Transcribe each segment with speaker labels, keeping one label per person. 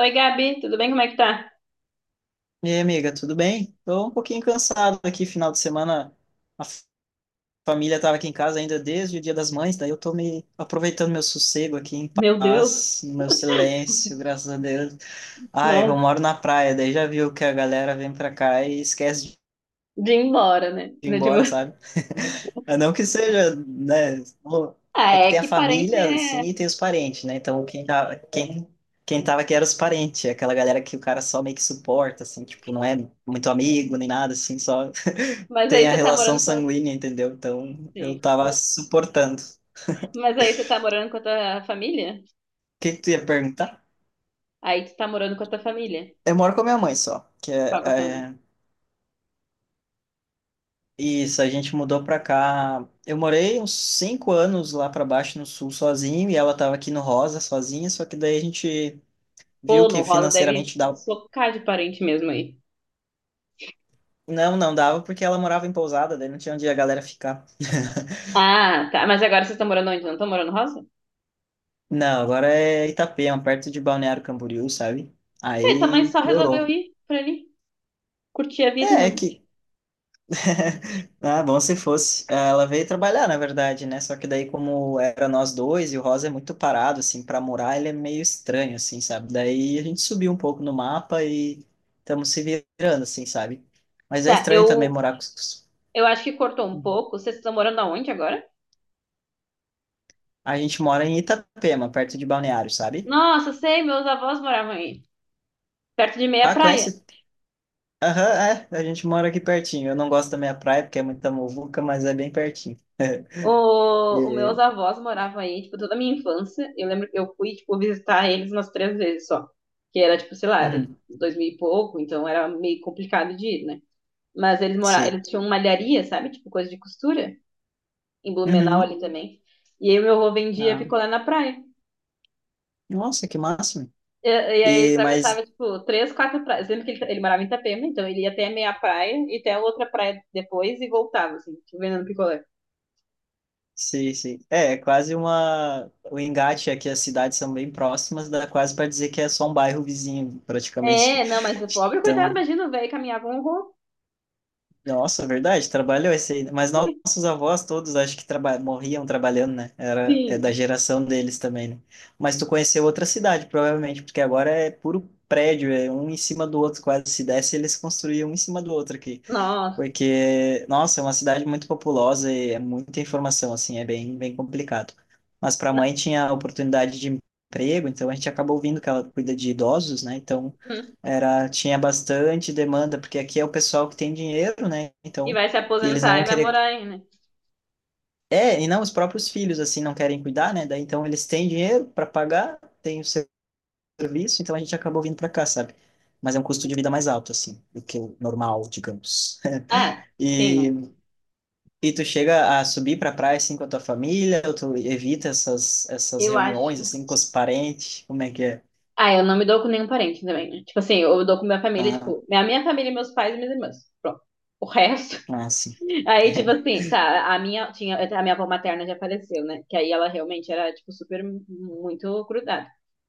Speaker 1: Oi, Gabi, tudo bem? Como é que tá?
Speaker 2: E aí, amiga, tudo bem? Tô um pouquinho cansado aqui, final de semana. A família tava aqui em casa ainda desde o Dia das Mães, daí eu tô me aproveitando meu sossego aqui em
Speaker 1: Meu Deus,
Speaker 2: paz, no meu silêncio, graças a Deus. Ah, é que
Speaker 1: não,
Speaker 2: eu moro na praia, daí já viu que a galera vem pra cá e esquece
Speaker 1: de ir embora, né?
Speaker 2: ir
Speaker 1: Né, tipo,
Speaker 2: embora, sabe? Não que seja, né?
Speaker 1: Ah,
Speaker 2: É que
Speaker 1: é
Speaker 2: tem a
Speaker 1: que parente
Speaker 2: família,
Speaker 1: é.
Speaker 2: assim, e tem os parentes, né? Então, quem tava aqui era os parentes, aquela galera que o cara só meio que suporta, assim, tipo, não é muito amigo nem nada, assim, só
Speaker 1: Mas aí
Speaker 2: tem a
Speaker 1: você tá
Speaker 2: relação
Speaker 1: morando com.
Speaker 2: sanguínea, entendeu? Então, eu
Speaker 1: Sim.
Speaker 2: tava suportando. O
Speaker 1: Mas aí você tá morando com a tua família?
Speaker 2: que que tu ia perguntar?
Speaker 1: Aí tu tá morando com a tua família.
Speaker 2: Eu moro com a minha mãe só, que é,
Speaker 1: Qual com a tua família?
Speaker 2: é- isso, a gente mudou pra cá. Eu morei uns 5 anos lá pra baixo no sul sozinho, e ela tava aqui no Rosa sozinha, só que daí a gente viu
Speaker 1: Pô, no
Speaker 2: que
Speaker 1: Rosa deve
Speaker 2: financeiramente dava.
Speaker 1: socar de parente mesmo aí.
Speaker 2: Não, não dava porque ela morava em pousada, daí não tinha onde a galera ficar.
Speaker 1: Ah, tá. Mas agora vocês estão morando onde? Não estão morando no Rosa?
Speaker 2: Não, agora é Itapema, perto de Balneário Camboriú, sabe?
Speaker 1: É, tua mãe
Speaker 2: Aí
Speaker 1: só resolveu
Speaker 2: piorou.
Speaker 1: ir pra ali, curtir a vida.
Speaker 2: É, é
Speaker 1: Não.
Speaker 2: que. Ah, bom se fosse. Ela veio trabalhar, na verdade, né? Só que daí, como era nós dois, e o Rosa é muito parado, assim, pra morar, ele é meio estranho, assim, sabe? Daí a gente subiu um pouco no mapa e estamos se virando, assim, sabe? Mas é
Speaker 1: Tá,
Speaker 2: estranho também
Speaker 1: eu,
Speaker 2: morar com.
Speaker 1: eu acho que cortou um pouco. Vocês estão morando aonde agora?
Speaker 2: A gente mora em Itapema, perto de Balneário, sabe?
Speaker 1: Nossa, sei, meus avós moravam aí, perto de meia
Speaker 2: Ah,
Speaker 1: praia.
Speaker 2: conhece. Aham, é, a gente mora aqui pertinho. Eu não gosto da minha praia porque é muita muvuca, mas é bem pertinho.
Speaker 1: Os meus
Speaker 2: E,
Speaker 1: avós moravam aí, tipo, toda a minha infância. Eu lembro que eu fui, tipo, visitar eles umas três vezes só. Que era, tipo, sei lá, era
Speaker 2: uhum,
Speaker 1: 2000 e pouco, então era meio complicado de ir, né? Mas eles moravam,
Speaker 2: sim.
Speaker 1: eles tinham malharia, sabe? Tipo, coisa de costura, em Blumenau
Speaker 2: Uhum.
Speaker 1: ali também. E aí o meu avô vendia
Speaker 2: Ah,
Speaker 1: picolé na praia.
Speaker 2: nossa, que máximo.
Speaker 1: E aí ele
Speaker 2: E,
Speaker 1: atravessava,
Speaker 2: mas,
Speaker 1: tipo, três, quatro praias. Lembro que ele morava em Itapema, então ele ia até a meia praia e até a outra praia depois e voltava, assim, tipo, vendendo picolé.
Speaker 2: sim, sim. É, é quase uma. O Engate aqui, as cidades são bem próximas, dá quase para dizer que é só um bairro vizinho, praticamente.
Speaker 1: É, não, mas o pobre, coitado,
Speaker 2: Então,
Speaker 1: imagina, o velho caminhava um horror.
Speaker 2: nossa, verdade, trabalhou esse aí. Mas nossos avós todos acho que traba morriam trabalhando, né? Era, é da
Speaker 1: Sim.
Speaker 2: geração deles também, né? Mas tu conheceu outra cidade, provavelmente, porque agora é puro prédio, é um em cima do outro, quase se desse, eles construíam um em cima do outro aqui.
Speaker 1: Nossa.
Speaker 2: Porque, nossa, é uma cidade muito populosa e é muita informação, assim, é bem complicado. Mas para a
Speaker 1: Na-
Speaker 2: mãe tinha oportunidade de emprego, então a gente acabou ouvindo que ela cuida de idosos, né? Então
Speaker 1: hum.
Speaker 2: era, tinha bastante demanda, porque aqui é o pessoal que tem dinheiro, né?
Speaker 1: E
Speaker 2: Então,
Speaker 1: vai se
Speaker 2: e eles
Speaker 1: aposentar
Speaker 2: não vão
Speaker 1: e vai
Speaker 2: querer.
Speaker 1: morar aí, né?
Speaker 2: É, e não, os próprios filhos, assim, não querem cuidar, né? Daí, então eles têm dinheiro para pagar, têm o seu serviço, então a gente acabou vindo para cá, sabe? Mas é um custo de vida mais alto, assim, do que o normal, digamos.
Speaker 1: Ah, sim, não.
Speaker 2: E e tu chega a subir pra praia assim com a tua família, ou tu evita essas, essas
Speaker 1: Eu
Speaker 2: reuniões
Speaker 1: acho.
Speaker 2: assim com os parentes? Como é que é?
Speaker 1: Ah, eu não me dou com nenhum parente também, né? Tipo assim, eu dou com minha família,
Speaker 2: Ah,
Speaker 1: tipo, a minha família, meus pais e minhas irmãs. Pronto. O resto.
Speaker 2: ah, sim.
Speaker 1: Aí, tipo assim, tá, a minha, tinha, a minha avó materna já faleceu, né? Que aí ela realmente era, tipo, super, muito grudada.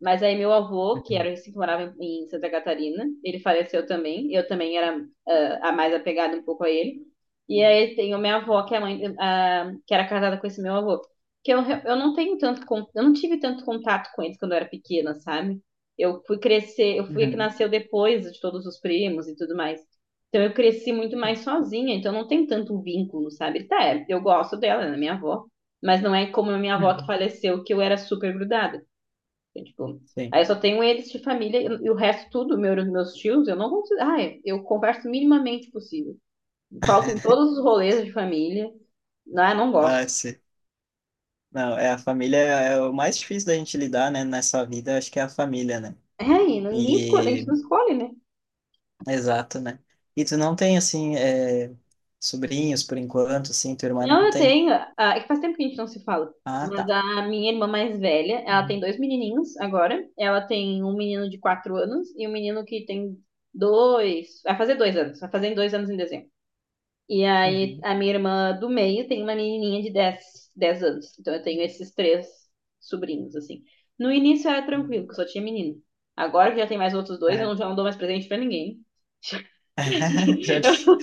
Speaker 1: Mas aí meu avô, que
Speaker 2: Uhum.
Speaker 1: era assim, que morava em Santa Catarina, ele faleceu também. Eu também era a mais apegada um pouco a ele. E aí tem minha avó, que é a mãe, que era casada com esse meu avô. Que eu, eu não tenho tanto, eu não tive tanto contato com eles quando eu era pequena, sabe? Eu fui crescer, eu fui a que
Speaker 2: Uhum.
Speaker 1: nasceu depois de todos os primos e tudo mais. Então eu cresci muito mais sozinha, então não tem tanto vínculo, sabe? Tá, é, eu gosto dela, ela é minha avó, mas não é como a minha avó que
Speaker 2: Uhum.
Speaker 1: faleceu, que eu era super grudada. Então, tipo,
Speaker 2: Sim.
Speaker 1: aí eu só tenho eles de família e o resto tudo, meu, meus tios, eu não consigo. Ah, é, eu converso minimamente possível. Falto em todos os rolês de família. Ah, não
Speaker 2: Ah,
Speaker 1: gosto.
Speaker 2: sim. Não, é a família é o mais difícil da gente lidar, né, nessa vida, acho que é a família, né?
Speaker 1: É, e ninguém escolhe, a gente
Speaker 2: E
Speaker 1: não escolhe, né?
Speaker 2: exato, né? E tu não tem assim sobrinhos por enquanto, assim, tua irmã não
Speaker 1: Não, eu
Speaker 2: tem.
Speaker 1: tenho. Ah, é que faz tempo que a gente não se fala.
Speaker 2: Ah,
Speaker 1: Mas
Speaker 2: tá.
Speaker 1: a minha irmã mais velha, ela tem
Speaker 2: Uhum.
Speaker 1: dois menininhos agora. Ela tem um menino de 4 anos e um menino que tem dois. Vai fazer 2 anos. Vai fazer 2 anos em dezembro. E aí
Speaker 2: Uhum.
Speaker 1: a minha irmã do meio tem uma menininha de dez anos. Então eu tenho esses três sobrinhos, assim. No início era tranquilo, que eu só tinha menino. Agora que já tem mais outros dois, eu
Speaker 2: É.
Speaker 1: não, já não dou mais presente pra ninguém.
Speaker 2: Já dif-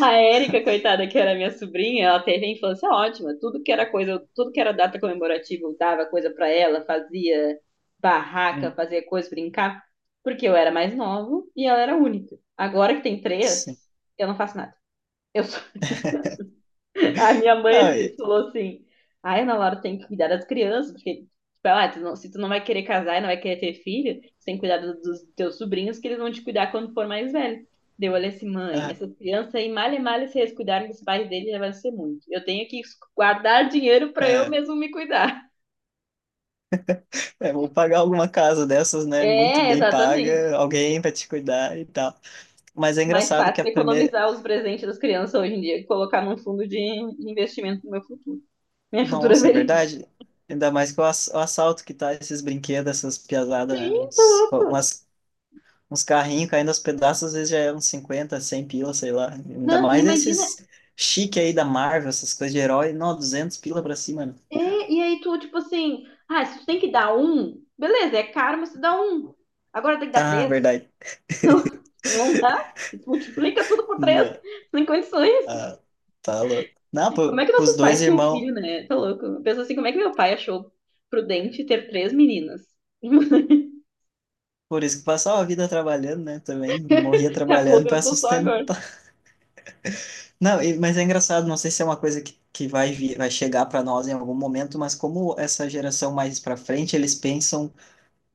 Speaker 1: A Érica, coitada, que era minha sobrinha, ela teve a infância ótima. Tudo que era coisa, tudo que era data comemorativa, eu dava coisa pra ela, fazia barraca,
Speaker 2: hum,
Speaker 1: fazia coisa, brincar, porque eu era mais nova e ela era única. Agora que tem três,
Speaker 2: sim.
Speaker 1: eu não faço nada. Eu só a minha mãe
Speaker 2: Não,
Speaker 1: assim,
Speaker 2: e-
Speaker 1: falou assim: Ai, Ana Laura tem que cuidar das crianças, porque, tipo, ela, "Ah, tu se tu não vai querer casar e não vai querer ter filho, tu tem que cuidar dos teus sobrinhos, que eles vão te cuidar quando for mais velho. Daí eu olhei assim, mãe,
Speaker 2: ah,
Speaker 1: essas crianças aí, mal e mal, se eles cuidarem dos pais deles, já vai ser muito. Eu tenho que guardar dinheiro pra eu
Speaker 2: é,
Speaker 1: mesmo me cuidar.
Speaker 2: é, vou pagar alguma casa dessas, né? Muito
Speaker 1: É,
Speaker 2: bem
Speaker 1: exatamente.
Speaker 2: paga, alguém vai te cuidar e tal. Mas é
Speaker 1: Mais
Speaker 2: engraçado que a
Speaker 1: fácil
Speaker 2: primeira.
Speaker 1: economizar os presentes das crianças hoje em dia e colocar num fundo de investimento no meu futuro. Minha futura
Speaker 2: Nossa, é
Speaker 1: velhice.
Speaker 2: verdade. Ainda mais que o assalto que tá esses brinquedos, essas piazadas, né?
Speaker 1: Sim.
Speaker 2: Uns carrinhos caindo aos pedaços, às vezes já é uns 50 100 pila, sei lá. Ainda
Speaker 1: Não, e
Speaker 2: mais
Speaker 1: imagina,
Speaker 2: esses chique aí da Marvel, essas coisas de herói. Não, 200 pila pra cima, mano.
Speaker 1: É, e aí tu, tipo assim, ah, se tu tem que dar um, beleza, é caro, mas tu dá um. Agora tem que dar
Speaker 2: Ah,
Speaker 1: três.
Speaker 2: verdade.
Speaker 1: Não, não dá. Multiplica tudo por três,
Speaker 2: Não.
Speaker 1: sem condições.
Speaker 2: Ah, tá louco. Não,
Speaker 1: Como é que
Speaker 2: pros
Speaker 1: nossos
Speaker 2: dois
Speaker 1: pais tinham um
Speaker 2: irmãos.
Speaker 1: filho, né? Tá louco. Pensa assim, como é que meu pai achou prudente ter três meninas?
Speaker 2: Por isso que passava a vida trabalhando, né? Também morria
Speaker 1: Se
Speaker 2: trabalhando para
Speaker 1: aposentou só agora.
Speaker 2: sustentar. Não, e- mas é engraçado, não sei se é uma coisa que vai vir, vai chegar para nós em algum momento, mas como essa geração mais para frente, eles pensam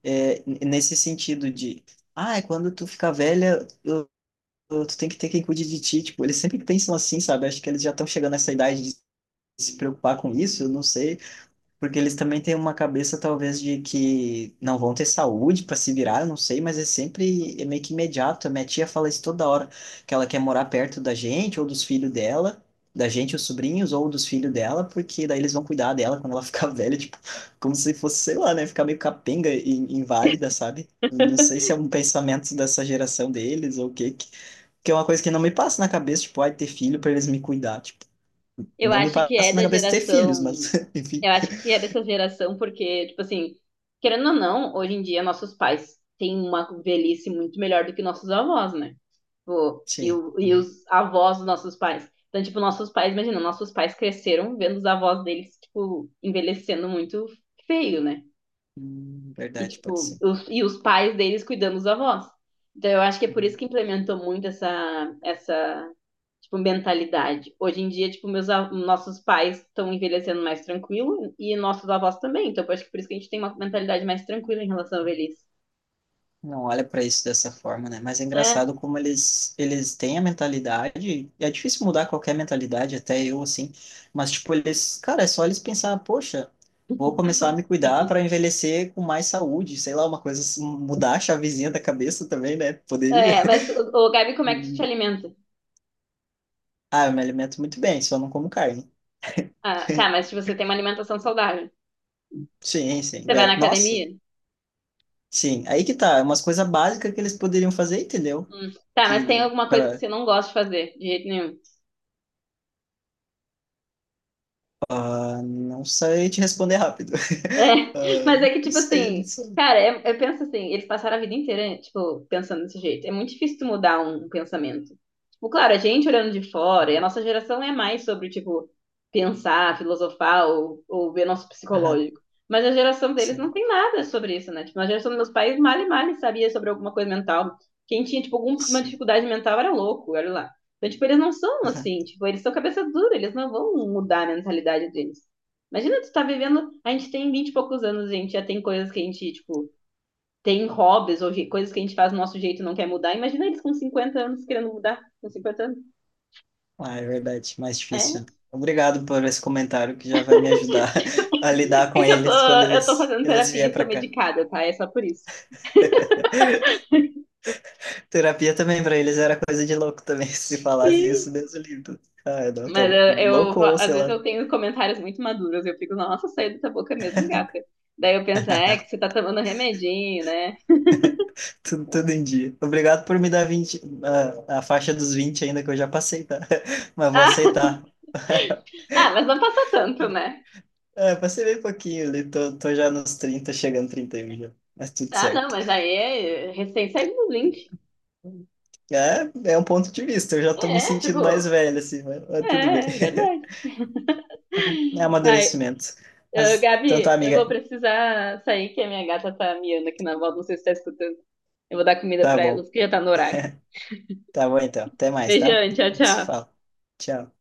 Speaker 2: nesse sentido de, ah, é quando tu ficar velha, tu tem que ter quem cuide de ti. Tipo, eles sempre pensam assim, sabe? Acho que eles já estão chegando nessa idade de se preocupar com isso, eu não sei. Porque eles também têm uma cabeça, talvez, de que não vão ter saúde para se virar, eu não sei, mas é sempre é meio que imediato. A minha tia fala isso toda hora, que ela quer morar perto da gente, ou dos filhos dela, da gente, os sobrinhos, ou dos filhos dela, porque daí eles vão cuidar dela quando ela ficar velha, tipo, como se fosse, sei lá, né, ficar meio capenga e inválida, sabe? Não sei se é um pensamento dessa geração deles ou o quê, que é uma coisa que não me passa na cabeça, tipo, ai, ter filho para eles me cuidar, tipo,
Speaker 1: Eu
Speaker 2: não me
Speaker 1: acho que é
Speaker 2: passa na
Speaker 1: da
Speaker 2: cabeça ter filhos,
Speaker 1: geração.
Speaker 2: mas, enfim,
Speaker 1: Eu acho que é dessa geração, porque, tipo assim, querendo ou não, hoje em dia nossos pais têm uma velhice muito melhor do que nossos avós, né? Tipo, e,
Speaker 2: sim.
Speaker 1: e os avós dos nossos pais. Então, tipo, nossos pais, imagina, nossos pais cresceram vendo os avós deles, tipo, envelhecendo muito feio, né? E,
Speaker 2: Verdade, pode
Speaker 1: tipo,
Speaker 2: ser.
Speaker 1: os, e os pais deles cuidando dos avós. Então, eu acho que é por isso
Speaker 2: Uhum.
Speaker 1: que implementou muito essa, essa, tipo, mentalidade. Hoje em dia, tipo, meus, nossos pais estão envelhecendo mais tranquilo e nossos avós também. Então, eu acho que por isso que a gente tem uma mentalidade mais tranquila em relação à velhice.
Speaker 2: Não olha para isso dessa forma, né? Mas é
Speaker 1: É,
Speaker 2: engraçado como eles têm a mentalidade, e é difícil mudar qualquer mentalidade, até eu assim, mas tipo eles, cara, é só eles pensar, poxa, vou começar
Speaker 1: pessoal.
Speaker 2: a me cuidar para envelhecer com mais saúde, sei lá, uma coisa assim, mudar a chavezinha da cabeça também, né? Poderia.
Speaker 1: É, mas, ô, Gabi, como é que tu te
Speaker 2: Uhum.
Speaker 1: alimenta?
Speaker 2: Ah, eu me alimento muito bem, só não como carne.
Speaker 1: Ah, tá, mas se você tem uma alimentação saudável,
Speaker 2: Sim, sim.
Speaker 1: você vai na
Speaker 2: Já... Nossa,
Speaker 1: academia?
Speaker 2: sim. Aí que tá, é umas coisas básicas que eles poderiam fazer, entendeu?
Speaker 1: Hum. Tá, mas tem
Speaker 2: Que
Speaker 1: alguma coisa que
Speaker 2: para
Speaker 1: você não gosta de fazer, de jeito nenhum?
Speaker 2: ah, não sei te responder rápido.
Speaker 1: É,
Speaker 2: Ah,
Speaker 1: mas é que, tipo
Speaker 2: não
Speaker 1: assim,
Speaker 2: sei.
Speaker 1: cara, eu penso assim, eles passaram a vida inteira, tipo, pensando desse jeito. É muito difícil tu mudar um pensamento. Tipo, claro, a gente olhando de fora, e a nossa geração é mais sobre, tipo, pensar, filosofar ou ver nosso
Speaker 2: Aham,
Speaker 1: psicológico. Mas a geração deles não
Speaker 2: sim,
Speaker 1: tem nada sobre isso, né? Tipo, na geração dos meus pais, mal e mal sabia sobre alguma coisa mental. Quem tinha, tipo, alguma
Speaker 2: sim.
Speaker 1: dificuldade mental era louco, olha lá. Então, tipo, eles não são assim, tipo, eles são cabeça dura, eles não vão mudar a mentalidade deles. Imagina tu tá vivendo. A gente tem 20 e poucos anos, a gente já tem coisas que a gente, tipo, tem hobbies ou coisas que a gente faz do nosso jeito e não quer mudar. Imagina eles com 50 anos querendo mudar. Com 50 anos.
Speaker 2: Ah, é verdade, mais
Speaker 1: É.
Speaker 2: difícil. Né? Obrigado por esse comentário que já vai me ajudar a lidar
Speaker 1: É
Speaker 2: com
Speaker 1: que eu tô,
Speaker 2: eles
Speaker 1: eu tô fazendo
Speaker 2: eles
Speaker 1: terapia e
Speaker 2: vier
Speaker 1: estou
Speaker 2: para cá.
Speaker 1: medicada, tá? É só por isso.
Speaker 2: Terapia também para eles era coisa de louco também, se falasse
Speaker 1: Sim.
Speaker 2: isso, Deus o livre. Ah, não,
Speaker 1: Mas
Speaker 2: louco
Speaker 1: eu,
Speaker 2: ou
Speaker 1: às
Speaker 2: sei
Speaker 1: vezes
Speaker 2: lá,
Speaker 1: eu tenho comentários muito maduros, eu fico, nossa, saiu da tua boca mesmo, gata. Daí eu penso, é que você tá tomando remedinho, né?
Speaker 2: tudo em dia. Obrigado por me dar 20, ah, a faixa dos 20 ainda que eu já passei, tá? Mas vou
Speaker 1: Ah,
Speaker 2: aceitar.
Speaker 1: mas não passou tanto, né?
Speaker 2: É, passei bem pouquinho ali, tô já nos 30 chegando 31 já, mas tudo
Speaker 1: Ah, não,
Speaker 2: certo.
Speaker 1: mas aí é recém saiu dos 20.
Speaker 2: É, é um ponto de vista, eu já tô me
Speaker 1: É, tipo,
Speaker 2: sentindo mais velho, assim, mas tudo bem.
Speaker 1: É, é verdade.
Speaker 2: É
Speaker 1: Ai,
Speaker 2: amadurecimento.
Speaker 1: ô,
Speaker 2: Mas, então tá,
Speaker 1: Gabi, eu vou
Speaker 2: amiga,
Speaker 1: precisar sair, que a minha gata tá miando aqui na volta, não sei se você tá escutando. Eu vou dar comida
Speaker 2: tá
Speaker 1: pra ela,
Speaker 2: bom,
Speaker 1: porque já tá no horário.
Speaker 2: tá bom então, até mais, tá?
Speaker 1: Beijão, tchau,
Speaker 2: A gente se
Speaker 1: tchau.
Speaker 2: fala. Tchau.